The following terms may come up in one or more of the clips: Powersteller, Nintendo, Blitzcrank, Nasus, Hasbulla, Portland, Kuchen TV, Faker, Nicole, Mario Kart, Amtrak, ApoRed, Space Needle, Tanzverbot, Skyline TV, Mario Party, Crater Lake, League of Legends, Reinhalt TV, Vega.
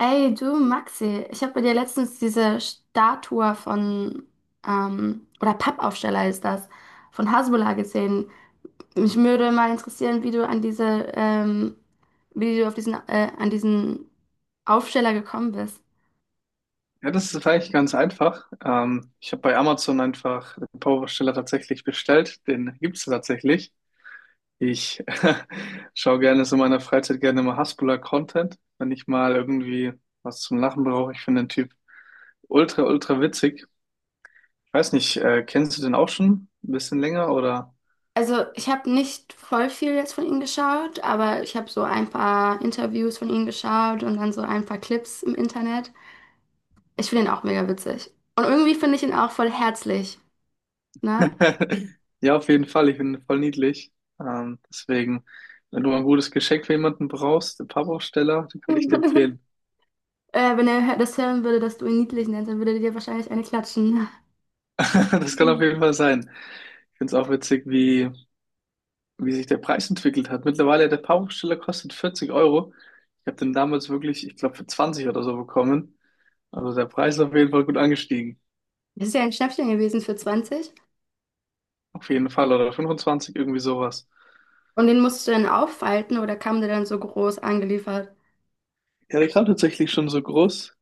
Ey, du Maxi, ich habe bei dir letztens diese Statue von, oder Pappaufsteller ist das, von Hasbulla gesehen. Mich würde mal interessieren, wie du an diese, wie du auf diesen, an diesen Aufsteller gekommen bist. Ja, das ist vielleicht ganz einfach. Ich habe bei Amazon einfach den Powersteller tatsächlich bestellt. Den gibt's tatsächlich. Ich schaue gerne so in meiner Freizeit gerne mal Hasbulla-Content, wenn ich mal irgendwie was zum Lachen brauche. Ich finde den Typ ultra, ultra witzig. Ich weiß nicht, kennst du den auch schon ein bisschen länger oder? Also, ich habe nicht voll viel jetzt von ihm geschaut, aber ich habe so ein paar Interviews von ihm geschaut und dann so ein paar Clips im Internet. Ich finde ihn auch mega witzig. Und irgendwie finde ich ihn auch voll herzlich, ne? Ja, auf jeden Fall. Ich finde ihn voll niedlich. Deswegen, wenn du mal ein gutes Geschenk für jemanden brauchst, den Powersteller, den kann ich dir empfehlen. Wenn er das hören würde, dass du ihn niedlich nennst, dann würde er dir wahrscheinlich eine klatschen. Das kann auf jeden Fall sein. Ich finde es auch witzig, wie sich der Preis entwickelt hat. Mittlerweile, der Paarungssteller kostet 40 Euro. Ich habe den damals wirklich, ich glaube, für 20 oder so bekommen. Also der Preis ist auf jeden Fall gut angestiegen. Das ist ja ein Schnäppchen gewesen für 20. Auf jeden Fall. Oder 25, irgendwie sowas. Und den musst du dann auffalten oder kam der dann so groß angeliefert? Ja, der kam tatsächlich schon so groß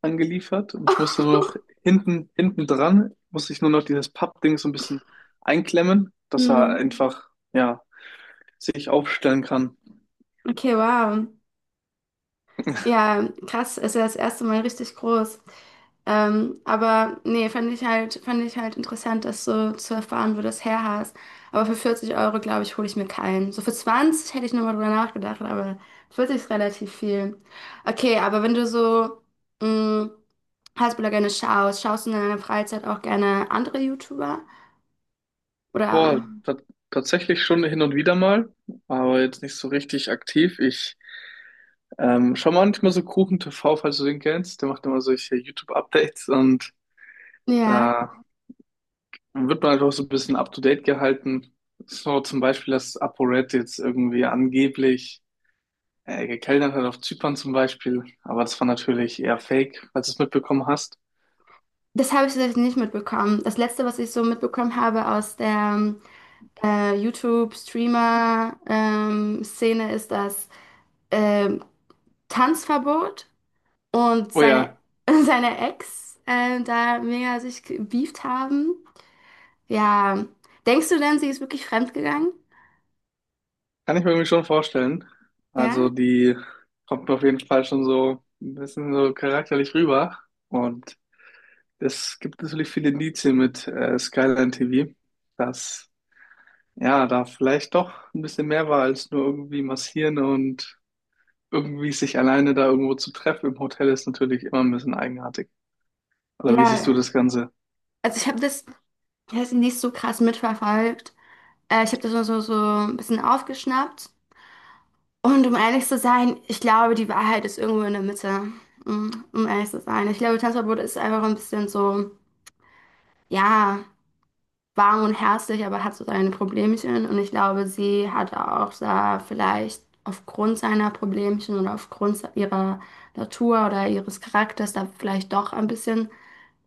angeliefert. Und ich musste nur noch hinten dran, musste ich nur noch dieses Pappding so ein bisschen einklemmen, dass er Hm. einfach, ja, sich aufstellen kann. Okay, wow. Ja, krass, ist ja das erste Mal richtig groß. Aber nee, fand ich halt interessant, das so zu erfahren, wo das her hast. Aber für 40 Euro, glaube ich, hole ich mir keinen. So für 20 hätte ich nochmal drüber nachgedacht, aber 40 ist relativ viel. Okay, aber wenn du so mh, Hasbulla gerne schaust, schaust du in deiner Freizeit auch gerne andere YouTuber? Oder. Boah, tatsächlich schon hin und wieder mal, aber jetzt nicht so richtig aktiv. Ich schaue manchmal so Kuchen TV, falls du den kennst. Der macht immer solche YouTube-Updates und Ja, da wird man einfach so ein bisschen up-to-date gehalten. So zum Beispiel, dass ApoRed jetzt irgendwie angeblich gekellnert hat auf Zypern zum Beispiel, aber das war natürlich eher Fake, falls du es mitbekommen hast. das habe ich tatsächlich nicht mitbekommen. Das Letzte, was ich so mitbekommen habe aus der YouTube-Streamer-Szene ist das ähm, Tanzverbot und Oh seine, ja. seine Ex da mega sich gebieft haben. Ja, denkst du denn, sie ist wirklich fremdgegangen? Kann ich mir irgendwie schon vorstellen. Also Ja? die kommt mir auf jeden Fall schon so ein bisschen so charakterlich rüber. Und es gibt natürlich viele Indizien mit Skyline TV, dass ja da vielleicht doch ein bisschen mehr war als nur irgendwie massieren, und irgendwie sich alleine da irgendwo zu treffen im Hotel ist natürlich immer ein bisschen eigenartig. Oder wie siehst du Ja, das Ganze? also ich das nicht so krass mitverfolgt. Ich habe das nur so ein bisschen aufgeschnappt. Und um ehrlich zu sein, ich glaube, die Wahrheit ist irgendwo in der Mitte. Um ehrlich zu sein. Ich glaube, Tanzverbot ist einfach ein bisschen so, ja, warm und herzlich, aber hat so seine Problemchen. Und ich glaube, sie hat auch da vielleicht aufgrund seiner Problemchen oder aufgrund ihrer Natur oder ihres Charakters da vielleicht doch ein bisschen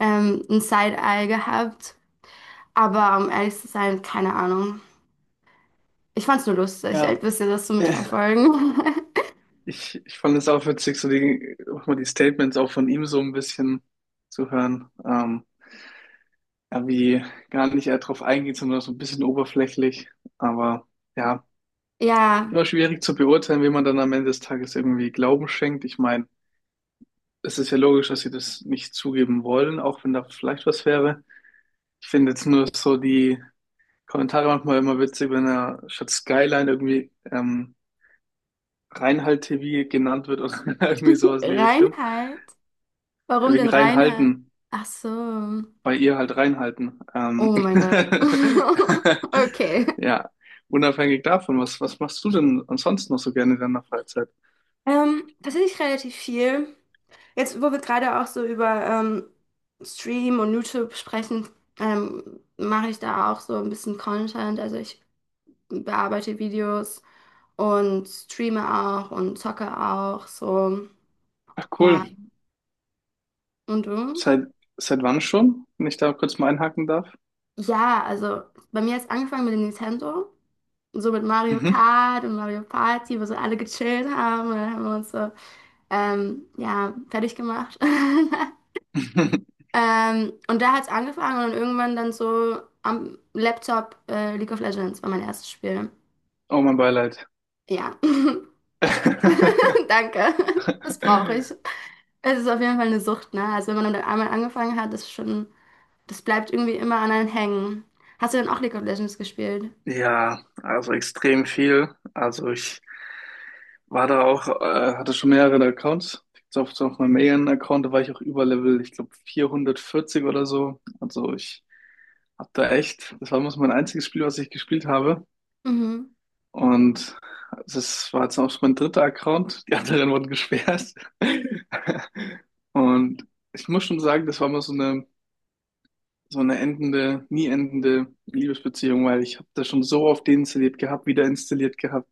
ein Side-Eye gehabt. Aber um ehrlich zu sein, keine Ahnung. Ich fand's nur lustig, Ja. ein bisschen das zu mitverfolgen. Ich fand es auch witzig, so die, auch mal die Statements auch von ihm so ein bisschen zu hören. Irgendwie gar nicht eher drauf eingeht, sondern so ein bisschen oberflächlich. Aber ja, Ja, immer schwierig zu beurteilen, wie man dann am Ende des Tages irgendwie Glauben schenkt. Ich meine, es ist ja logisch, dass sie das nicht zugeben wollen, auch wenn da vielleicht was wäre. Ich finde jetzt nur so die Kommentare manchmal immer witzig, wenn er statt Skyline irgendwie Reinhalt TV genannt wird oder irgendwie sowas in die Richtung. Reinheit. Warum Wegen denn Reinheit? Reinhalten. Ach so. Bei ihr halt reinhalten. Oh mein Gott. Okay. Ja, unabhängig davon, was machst du denn ansonsten noch so gerne in deiner Freizeit? Tatsächlich relativ viel. Jetzt, wo wir gerade auch so über Stream und YouTube sprechen, mache ich da auch so ein bisschen Content. Also ich bearbeite Videos und streame auch und zocke auch so. Ach Ja. cool, Und du? seit, seit wann schon, wenn ich da kurz mal einhaken darf? Ja, also bei mir hat's angefangen mit dem Nintendo. So mit Mario Mhm. Kart und Mario Party, wo so alle gechillt haben. Und dann haben wir uns so, ja, fertig gemacht. Und da hat's angefangen und irgendwann dann so am Laptop League of Legends war mein erstes Spiel. Oh, mein Beileid. Ja, danke. Das brauche ich. Es ist auf jeden Fall eine Sucht, ne? Also wenn man dann einmal angefangen hat, ist schon, das bleibt irgendwie immer an einem hängen. Hast du denn auch League of Legends gespielt? Ja, also extrem viel. Also ich. War da auch, hatte schon mehrere Accounts. Jetzt auf meinem Alien-Account, da war ich auch über Level, ich glaube 440 oder so. Also ich hab da echt, das war muss mein einziges Spiel, was ich gespielt habe. Mhm. Und das war jetzt auch schon mein dritter Account. Die anderen wurden gesperrt. Und ich muss schon sagen, das war mal so eine, endende, nie endende Liebesbeziehung, weil ich habe das schon so oft deinstalliert gehabt, wieder installiert gehabt.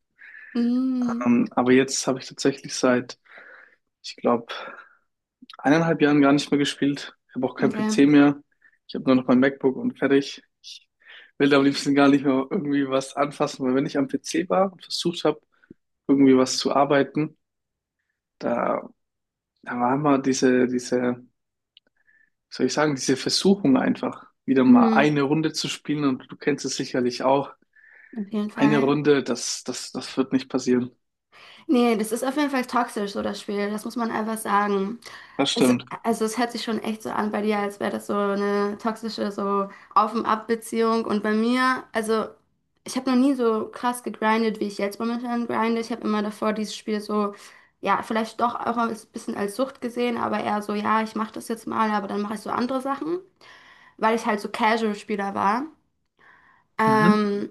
Mhm. Aber jetzt habe ich tatsächlich seit, ich glaube, eineinhalb Jahren gar nicht mehr gespielt. Ich habe auch keinen Okay. PC mehr. Ich habe nur noch mein MacBook und fertig. Ich will da am liebsten gar nicht mehr irgendwie was anfassen, weil wenn ich am PC war und versucht habe, irgendwie was zu arbeiten, da, da war immer diese, wie soll ich sagen, diese Versuchung einfach, wieder mal Mhm. eine Runde zu spielen, und du kennst es sicherlich auch. Auf jeden Eine Fall. Runde, das wird nicht passieren. Nee, das ist auf jeden Fall toxisch, so das Spiel. Das muss man einfach sagen. Das Es, stimmt. also es hört sich schon echt so an bei dir, als wäre das so eine toxische, so auf und ab Beziehung. Und bei mir, also ich habe noch nie so krass gegrindet, wie ich jetzt momentan grinde. Ich habe immer davor dieses Spiel so, ja, vielleicht doch auch ein bisschen als Sucht gesehen, aber eher so, ja, ich mache das jetzt mal, aber dann mache ich so andere Sachen, weil ich halt so Casual-Spieler war. Mhm. Ähm,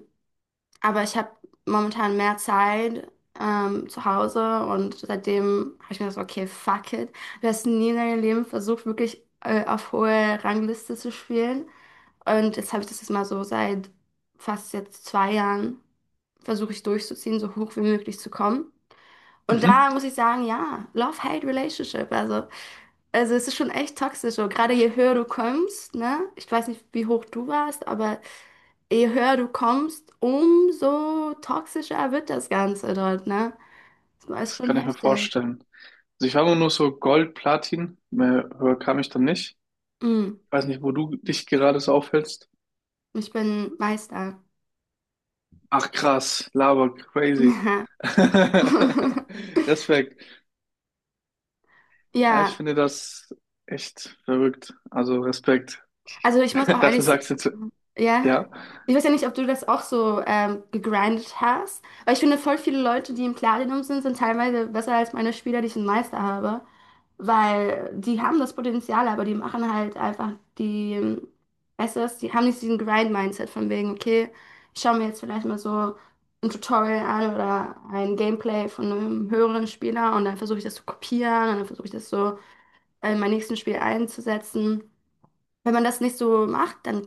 aber ich habe momentan mehr Zeit zu Hause und seitdem habe ich mir gesagt, okay, fuck it. Du hast nie in deinem Leben versucht, wirklich auf hohe Rangliste zu spielen. Und jetzt habe ich das jetzt mal so seit fast jetzt 2 Jahren versuche ich durchzuziehen, so hoch wie möglich zu kommen. Und Mhm. da muss ich sagen, ja, Love-Hate-Relationship. Also es ist schon echt toxisch, so gerade je höher du kommst, ne? Ich weiß nicht, wie hoch du warst, aber je höher du kommst, umso toxischer wird das Ganze dort, ne? Das ist Das schon kann ich mir heftig. vorstellen. Also ich war immer nur so Gold, Platin, mehr höher kam ich dann nicht. Mm, Weiß nicht, wo du dich gerade so aufhältst. Ich bin Meister. Ach krass, laber, crazy. Respekt. Ja, ich Ja. finde das echt verrückt. Also Respekt. Also ich muss auch Dass du ehrlich sagen, sagst du jetzt, ja, ja, ich weiß ja nicht, ob du das auch so gegrindet hast, weil ich finde, voll viele Leute, die im Platinum sind, sind teilweise besser als meine Spieler, die ich im Meister habe, weil die haben das Potenzial, aber die machen halt einfach die, weißt du was, die haben nicht diesen Grind-Mindset von wegen, okay, ich schaue mir jetzt vielleicht mal so ein Tutorial an oder ein Gameplay von einem höheren Spieler und dann versuche ich das zu kopieren und dann versuche ich das so in mein nächstes Spiel einzusetzen. Wenn man das nicht so macht, dann,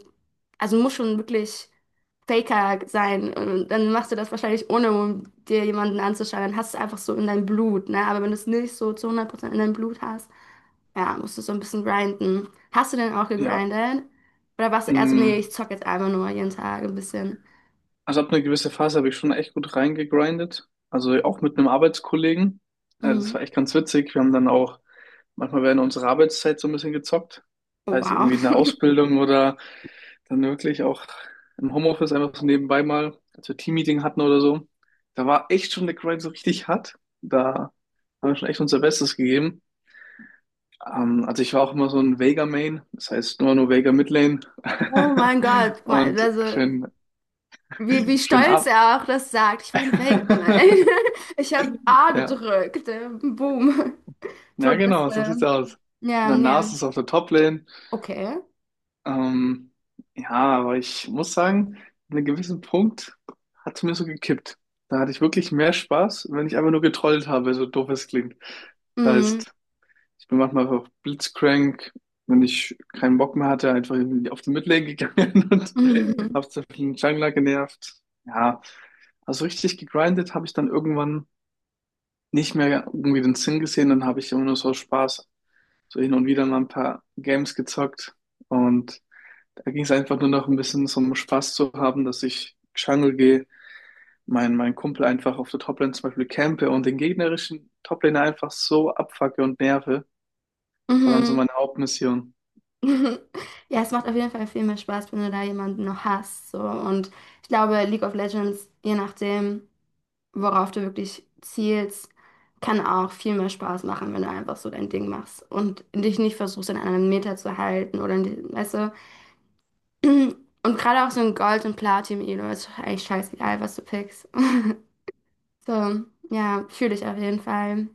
also muss schon wirklich Faker sein. Und dann machst du das wahrscheinlich ohne, um dir jemanden anzuschauen. Dann hast du es einfach so in deinem Blut, ne? Aber wenn du es nicht so zu 100% in deinem Blut hast, ja, musst du so ein bisschen grinden. Hast du denn auch ja. gegrindet? Oder warst du eher so, nee, ich Mm. zock jetzt einfach nur jeden Tag ein bisschen? Also ab einer gewissen Phase habe ich schon echt gut reingegrindet. Also auch mit einem Arbeitskollegen. Das Mhm. war echt ganz witzig. Wir haben dann auch manchmal werden unsere Arbeitszeit so ein bisschen gezockt. Oh, Heißt wow. irgendwie eine Ausbildung oder dann wirklich auch im Homeoffice einfach so nebenbei mal, als wir Teammeeting hatten oder so. Da war echt schon der Grind so richtig hart. Da haben wir schon echt unser Bestes gegeben. Also ich war auch immer so ein Vega Main, das heißt nur Vega Midlane. Oh mein Gott. Und Also, schön, wie schön stolz ab. er auch das sagt. Ich war ein Weltmann. Ich habe A Ja, gedrückt. Boom. ja genau, so sieht's Todbisse. aus. Und Ja, dann ja. Nasus auf der Toplane. Okay. Ähm, ja, aber ich muss sagen, an einem gewissen Punkt hat es mir so gekippt. Da hatte ich wirklich mehr Spaß, wenn ich einfach nur getrollt habe, so doof es klingt. Das Mhm. heißt, ich bin manchmal einfach blitzcrank, wenn ich keinen Bock mehr hatte, einfach irgendwie auf die Midlane gegangen und Mhm. habe so einen Jungler genervt. Ja, also richtig gegrindet habe ich dann irgendwann nicht mehr irgendwie den Sinn gesehen, dann habe ich immer nur so Spaß, so hin und wieder mal ein paar Games gezockt, und da ging es einfach nur noch ein bisschen so um Spaß zu haben, dass ich Jungle gehe, mein Kumpel einfach auf der Toplane zum Beispiel campe und den gegnerischen Toplaner einfach so abfacke und nerve. Das war dann so Mhm. meine Hauptmission. Ja, es macht auf jeden Fall viel mehr Spaß, wenn du da jemanden noch hast. So. Und ich glaube, League of Legends, je nachdem, worauf du wirklich zielst, kann auch viel mehr Spaß machen, wenn du einfach so dein Ding machst und dich nicht versuchst, in einem Meter zu halten oder in die, weißt du. Und gerade auch so ein Gold- und Platin-Elo ist eigentlich scheißegal, was du pickst. So, ja, fühle ich auf jeden Fall.